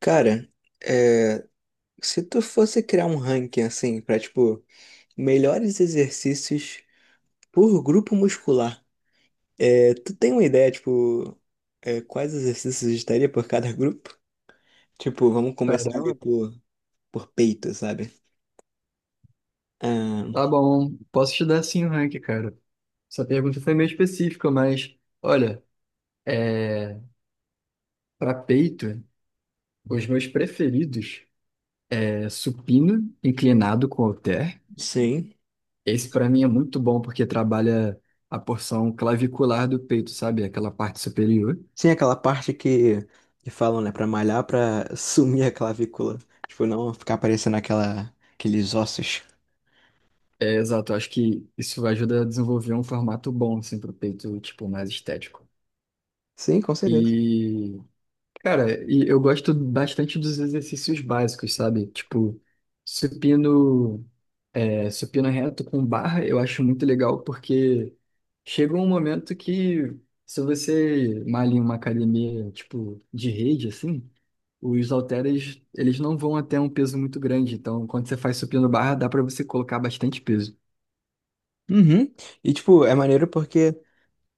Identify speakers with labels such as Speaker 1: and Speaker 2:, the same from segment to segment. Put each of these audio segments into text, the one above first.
Speaker 1: Cara, é, se tu fosse criar um ranking assim, pra tipo, melhores exercícios por grupo muscular, tu tem uma ideia, tipo, quais exercícios estaria por cada grupo? Tipo, vamos começar ali
Speaker 2: Caramba,
Speaker 1: por peito, sabe?
Speaker 2: tá
Speaker 1: Ah,
Speaker 2: bom. Posso te dar sim o rank, cara. Essa pergunta foi meio específica, mas olha, para peito, os meus preferidos é supino inclinado com halter.
Speaker 1: sim.
Speaker 2: Esse para mim é muito bom porque trabalha a porção clavicular do peito, sabe? Aquela parte superior.
Speaker 1: Sim, aquela parte que falam, né, pra malhar, pra sumir a clavícula. Tipo, não ficar aparecendo aqueles ossos.
Speaker 2: Exato, eu acho que isso ajuda a desenvolver um formato bom assim pro peito, tipo, mais estético.
Speaker 1: Sim, com certeza.
Speaker 2: E, cara, eu gosto bastante dos exercícios básicos, sabe? Tipo, supino. Supino reto com barra eu acho muito legal porque chega um momento que se você malha em uma academia tipo de rede assim, os halteres eles não vão até um peso muito grande. Então quando você faz supino barra dá para você colocar bastante peso.
Speaker 1: Uhum. E, tipo, é maneiro porque.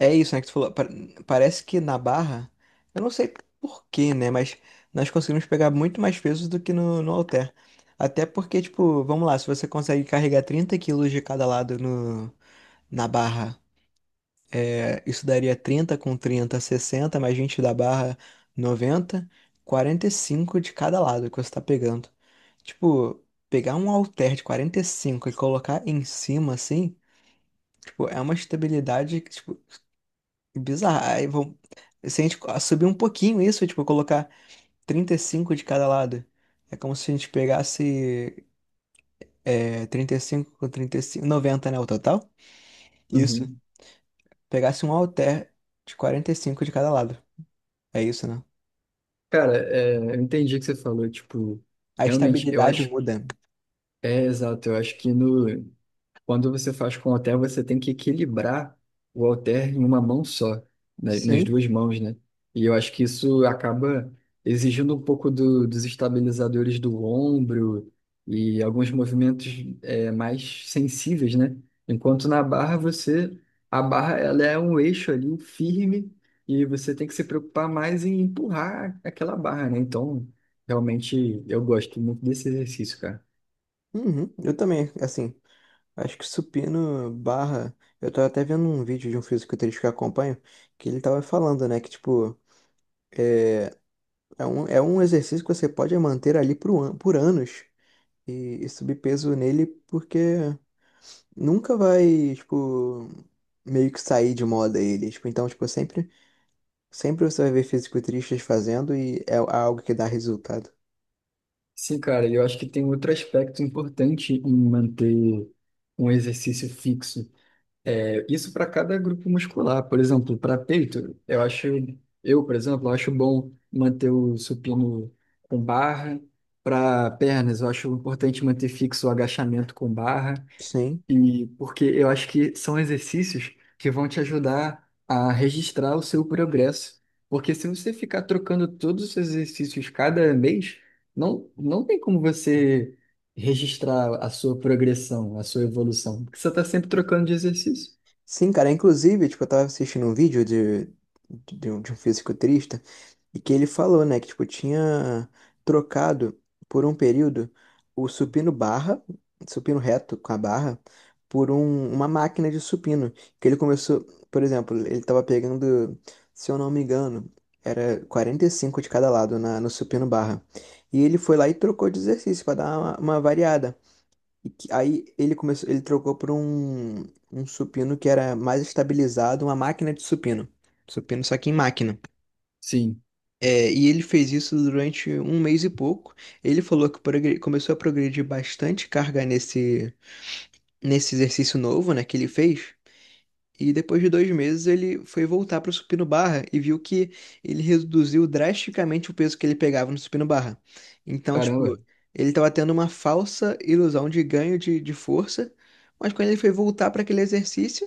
Speaker 1: É isso, né, que tu falou. Parece que na barra, eu não sei por quê, né? Mas nós conseguimos pegar muito mais pesos do que no halter. Até porque, tipo, vamos lá, se você consegue carregar 30 quilos de cada lado no, na barra, isso daria 30 com 30, 60 mais 20 da barra, 90, 45 de cada lado que você tá pegando. Tipo, pegar um halter de 45 e cinco e colocar em cima, assim, tipo, é uma estabilidade que, tipo, bizarro. Aí vão... Se a gente subir um pouquinho isso, tipo, colocar 35 de cada lado, é como se a gente pegasse 35 com 35 90, né, o total? Isso.
Speaker 2: Uhum.
Speaker 1: Pegasse um halter de 45 de cada lado. É isso, né?
Speaker 2: Cara, eu entendi o que você falou. Tipo,
Speaker 1: A
Speaker 2: realmente eu
Speaker 1: estabilidade
Speaker 2: acho
Speaker 1: muda.
Speaker 2: é exato. Eu acho que no quando você faz com o halter, você tem que equilibrar o halter em uma mão só, né, nas
Speaker 1: Sim.
Speaker 2: duas mãos, né? E eu acho que isso acaba exigindo um pouco dos estabilizadores do ombro e alguns movimentos mais sensíveis, né? Enquanto na barra você, a barra ela é um eixo ali um firme e você tem que se preocupar mais em empurrar aquela barra, né? Então, realmente eu gosto muito desse exercício, cara.
Speaker 1: Uhum. Eu também, assim, acho que supino barra. Eu tava até vendo um vídeo de um fisiculturista que eu acompanho, que ele tava falando, né, que, tipo, é um exercício que você pode manter ali por anos. E subir peso nele porque nunca vai, tipo, meio que sair de moda ele. Tipo, então, tipo, sempre, sempre você vai ver fisiculturistas fazendo e é algo que dá resultado.
Speaker 2: Sim, cara, e eu acho que tem outro aspecto importante em manter um exercício fixo. É, isso para cada grupo muscular. Por exemplo, para peito, eu acho, eu, por exemplo, acho bom manter o supino com barra. Para pernas, eu acho importante manter fixo o agachamento com barra.
Speaker 1: Sim.
Speaker 2: E porque eu acho que são exercícios que vão te ajudar a registrar o seu progresso. Porque se você ficar trocando todos os seus exercícios cada mês, não tem como você registrar a sua progressão, a sua evolução. Porque você está sempre trocando de exercício.
Speaker 1: Sim, cara. Inclusive, tipo, eu tava assistindo um vídeo um de um fisiculturista. E que ele falou, né, que tipo tinha trocado por um período o supino barra, supino reto com a barra, por uma máquina de supino, que ele começou, por exemplo, ele tava pegando, se eu não me engano, era 45 de cada lado no supino barra. E ele foi lá e trocou de exercício para dar uma variada. Aí ele começou, ele trocou por um supino que era mais estabilizado, uma máquina de supino. Supino só que em máquina.
Speaker 2: Sim,
Speaker 1: E ele fez isso durante um mês e pouco. Ele falou que começou a progredir bastante carga nesse exercício novo, né, que ele fez. E depois de 2 meses ele foi voltar para o supino barra e viu que ele reduziu drasticamente o peso que ele pegava no supino barra. Então, tipo,
Speaker 2: caramba.
Speaker 1: ele estava tendo uma falsa ilusão de ganho de força, mas quando ele foi voltar para aquele exercício,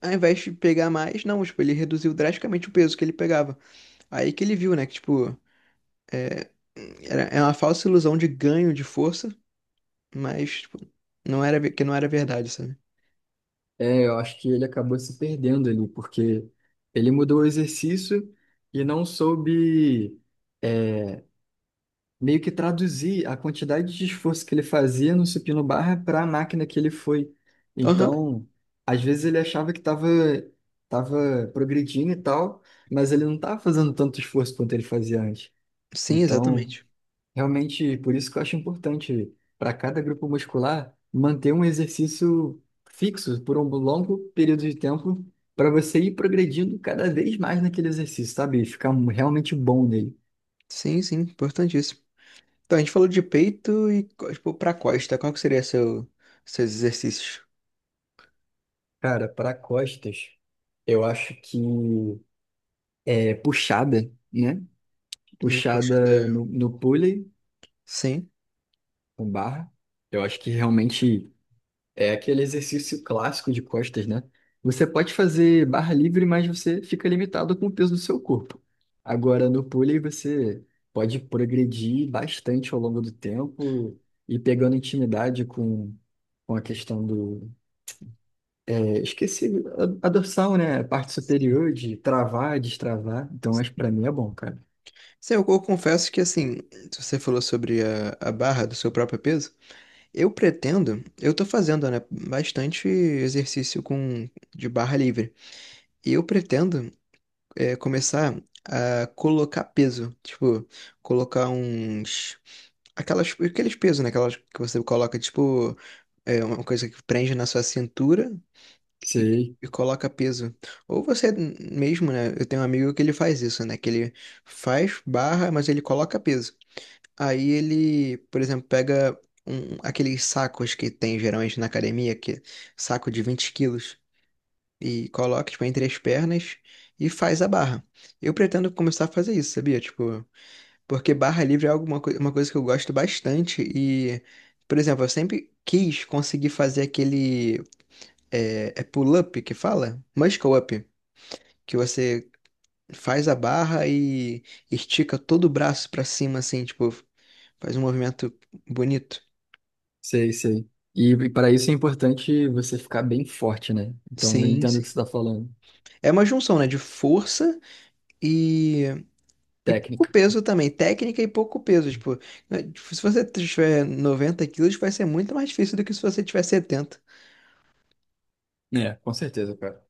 Speaker 1: ao invés de pegar mais, não, tipo, ele reduziu drasticamente o peso que ele pegava. Aí que ele viu, né, que, tipo, é, é uma falsa ilusão de ganho de força, mas tipo, não era que não era verdade, sabe?
Speaker 2: É, eu acho que ele acabou se perdendo ali, porque ele mudou o exercício e não soube. é, Meio que traduzir a quantidade de esforço que ele fazia no supino barra para a máquina que ele foi.
Speaker 1: Aham,
Speaker 2: Então, às vezes ele achava que estava tava tava progredindo e tal, mas ele não estava fazendo tanto esforço quanto ele fazia antes.
Speaker 1: sim,
Speaker 2: Então,
Speaker 1: exatamente.
Speaker 2: realmente, por isso que eu acho importante para cada grupo muscular manter um exercício fixo por um longo período de tempo para você ir progredindo cada vez mais naquele exercício, sabe? E ficar realmente bom nele.
Speaker 1: Sim, sim, importantíssimo. Então, a gente falou de peito e, tipo, pra costa. Qual que seria seus exercícios?
Speaker 2: Cara, para costas, eu acho que é puxada, né?
Speaker 1: Uma coxada.
Speaker 2: Puxada no pulley,
Speaker 1: Sim.
Speaker 2: com barra. Eu acho que realmente é aquele exercício clássico de costas, né? Você pode fazer barra livre, mas você fica limitado com o peso do seu corpo. Agora, no pulley, você pode progredir bastante ao longo do tempo e pegando intimidade com a questão do, esqueci, a dorsal, né? A parte superior de travar, destravar. Então, acho que pra mim é bom, cara.
Speaker 1: Sim, eu confesso que, assim, se você falou sobre a barra do seu próprio peso, eu pretendo, eu tô fazendo, né, bastante exercício de barra livre. E eu pretendo começar a colocar peso. Tipo, colocar uns. Aqueles pesos, né? Aquelas que você coloca, tipo, uma coisa que prende na sua cintura e,
Speaker 2: Sei,
Speaker 1: e coloca peso. Ou você mesmo, né? Eu tenho um amigo que ele faz isso, né? Que ele faz barra, mas ele coloca peso. Aí ele, por exemplo, pega aqueles sacos que tem geralmente na academia, que é saco de 20 quilos e coloca, tipo, entre as pernas e faz a barra. Eu pretendo começar a fazer isso, sabia? Tipo, porque barra livre é uma coisa que eu gosto bastante e, por exemplo, eu sempre quis conseguir fazer aquele é pull-up que fala? Muscle up, que você faz a barra e estica todo o braço pra cima, assim, tipo, faz um movimento bonito.
Speaker 2: sei, sei. E para isso é importante você ficar bem forte, né? Então, eu
Speaker 1: Sim,
Speaker 2: entendo o
Speaker 1: sim.
Speaker 2: que você tá falando.
Speaker 1: É uma junção, né, de força e pouco
Speaker 2: Técnica.
Speaker 1: peso também, técnica e pouco peso. Tipo, né, tipo, se você tiver 90 quilos, vai ser muito mais difícil do que se você tiver 70.
Speaker 2: É, com certeza, cara.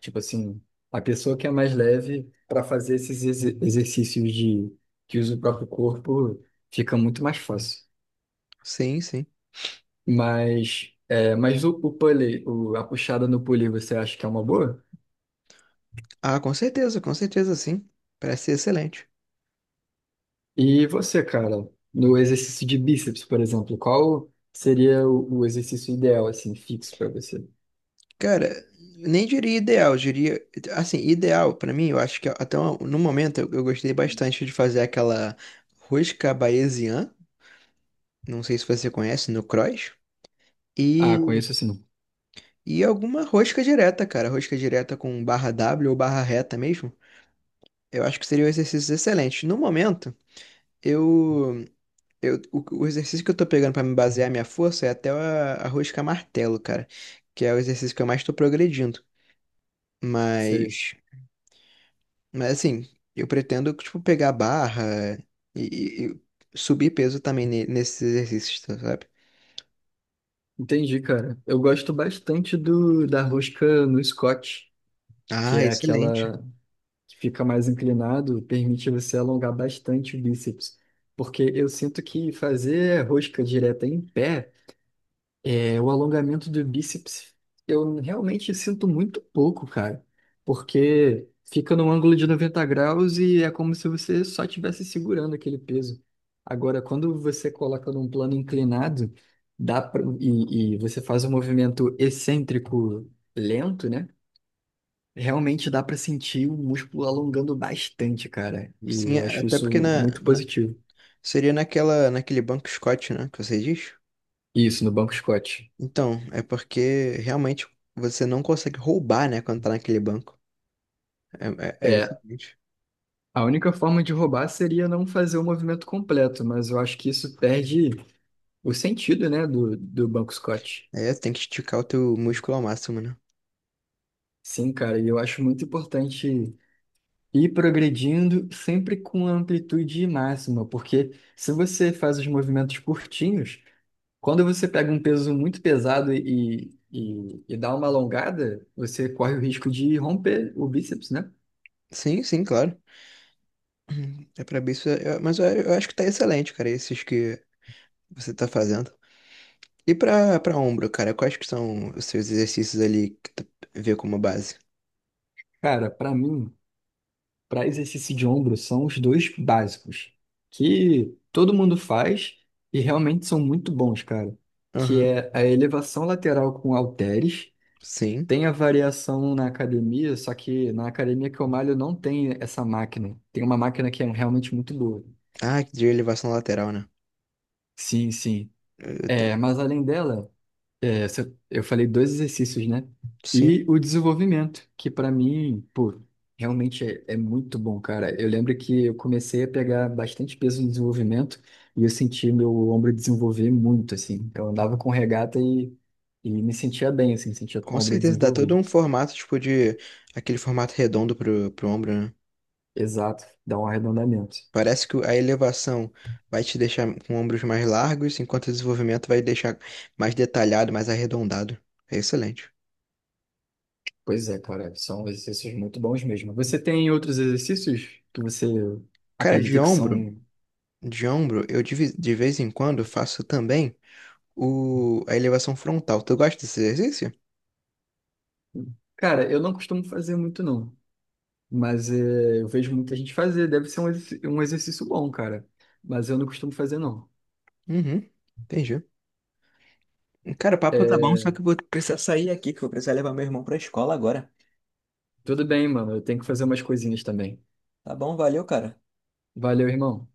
Speaker 2: Tipo assim, a pessoa que é mais leve pra fazer esses exercícios de que usa o próprio corpo fica muito mais fácil.
Speaker 1: Sim, sim.
Speaker 2: Mas, é, mas o pulley, a puxada no pulley, você acha que é uma boa?
Speaker 1: Ah, com certeza, sim. Parece ser excelente.
Speaker 2: E você, cara, no exercício de bíceps, por exemplo, qual seria o exercício ideal, assim, fixo pra você?
Speaker 1: Cara, nem diria ideal, diria. Assim, ideal, pra mim, eu acho que até no momento eu gostei bastante de fazer aquela rosca parisiana. Não sei se você conhece, no cross.
Speaker 2: Ah,
Speaker 1: E,
Speaker 2: conheço assim,
Speaker 1: e alguma rosca direta, cara. Rosca direta com barra W ou barra reta mesmo. Eu acho que seriam exercícios excelentes. No momento, eu, eu o exercício que eu tô pegando pra me basear minha força é até a rosca martelo, cara, que é o exercício que eu mais tô progredindo.
Speaker 2: sei.
Speaker 1: Mas, mas assim, eu pretendo tipo pegar barra e, e- e subir peso também nesses exercícios, tá, sabe?
Speaker 2: Entendi, cara. Eu gosto bastante do da rosca no Scott, que
Speaker 1: Ah,
Speaker 2: é
Speaker 1: excelente.
Speaker 2: aquela que fica mais inclinado, permite você alongar bastante o bíceps. Porque eu sinto que fazer rosca direta em pé, o alongamento do bíceps, eu realmente sinto muito pouco, cara, porque fica num ângulo de 90 graus e é como se você só estivesse segurando aquele peso. Agora, quando você coloca num plano inclinado, dá pra, e você faz um movimento excêntrico lento, né? Realmente dá pra sentir o músculo alongando bastante, cara. E
Speaker 1: Sim,
Speaker 2: eu acho
Speaker 1: até
Speaker 2: isso
Speaker 1: porque
Speaker 2: muito positivo.
Speaker 1: seria naquela naquele banco Scott, né, que você diz?
Speaker 2: Isso, no banco Scott.
Speaker 1: Então, é porque realmente você não consegue roubar, né, quando tá naquele banco. É o seguinte.
Speaker 2: A única forma de roubar seria não fazer o movimento completo, mas eu acho que isso perde o sentido, né, do Banco Scott.
Speaker 1: É, tem que esticar o teu músculo ao máximo, né?
Speaker 2: Sim, cara, e eu acho muito importante ir progredindo sempre com a amplitude máxima, porque se você faz os movimentos curtinhos, quando você pega um peso muito pesado e dá uma alongada, você corre o risco de romper o bíceps, né?
Speaker 1: Sim, sim, claro. É pra bíceps, mas eu acho que tá excelente, cara, esses que você tá fazendo. E pra ombro, cara, quais que são os seus exercícios ali que tu vê como base?
Speaker 2: Cara, pra mim, para exercício de ombro são os dois básicos, que todo mundo faz e realmente são muito bons, cara. Que
Speaker 1: Aham.
Speaker 2: é a elevação lateral com halteres.
Speaker 1: Sim.
Speaker 2: Tem a variação na academia, só que na academia que eu malho não tem essa máquina. Tem uma máquina que é realmente muito boa.
Speaker 1: Ah, de elevação lateral, né?
Speaker 2: Sim, sim.
Speaker 1: Eu te-
Speaker 2: É, mas além dela, é, eu falei dois exercícios, né?
Speaker 1: Sim.
Speaker 2: E o desenvolvimento, que para mim, pô, realmente é muito bom, cara. Eu lembro que eu comecei a pegar bastante peso no desenvolvimento e eu senti meu ombro desenvolver muito, assim. Eu andava com regata e me sentia bem, assim, sentia com
Speaker 1: Com
Speaker 2: o ombro
Speaker 1: certeza, dá todo
Speaker 2: desenvolvido.
Speaker 1: um formato, tipo, de... Aquele formato redondo pro ombro, né?
Speaker 2: Exato, dá um arredondamento.
Speaker 1: Parece que a elevação vai te deixar com ombros mais largos, enquanto o desenvolvimento vai deixar mais detalhado, mais arredondado. É excelente.
Speaker 2: Pois é, cara, são exercícios muito bons mesmo. Você tem outros exercícios que você
Speaker 1: Cara, de
Speaker 2: acredita que
Speaker 1: ombro,
Speaker 2: são?
Speaker 1: de ombro, eu de vez em quando faço também a elevação frontal. Tu gosta desse exercício?
Speaker 2: Cara, eu não costumo fazer muito, não. Mas é, eu vejo muita gente fazer, deve ser um, um exercício bom, cara. Mas eu não costumo fazer, não.
Speaker 1: Uhum, entendi. Cara, o papo tá bom, só
Speaker 2: É,
Speaker 1: que eu vou. Bora.
Speaker 2: tudo bem, mano, eu tenho que fazer umas coisinhas também.
Speaker 1: Tá bom, valeu, cara.
Speaker 2: Valeu, irmão.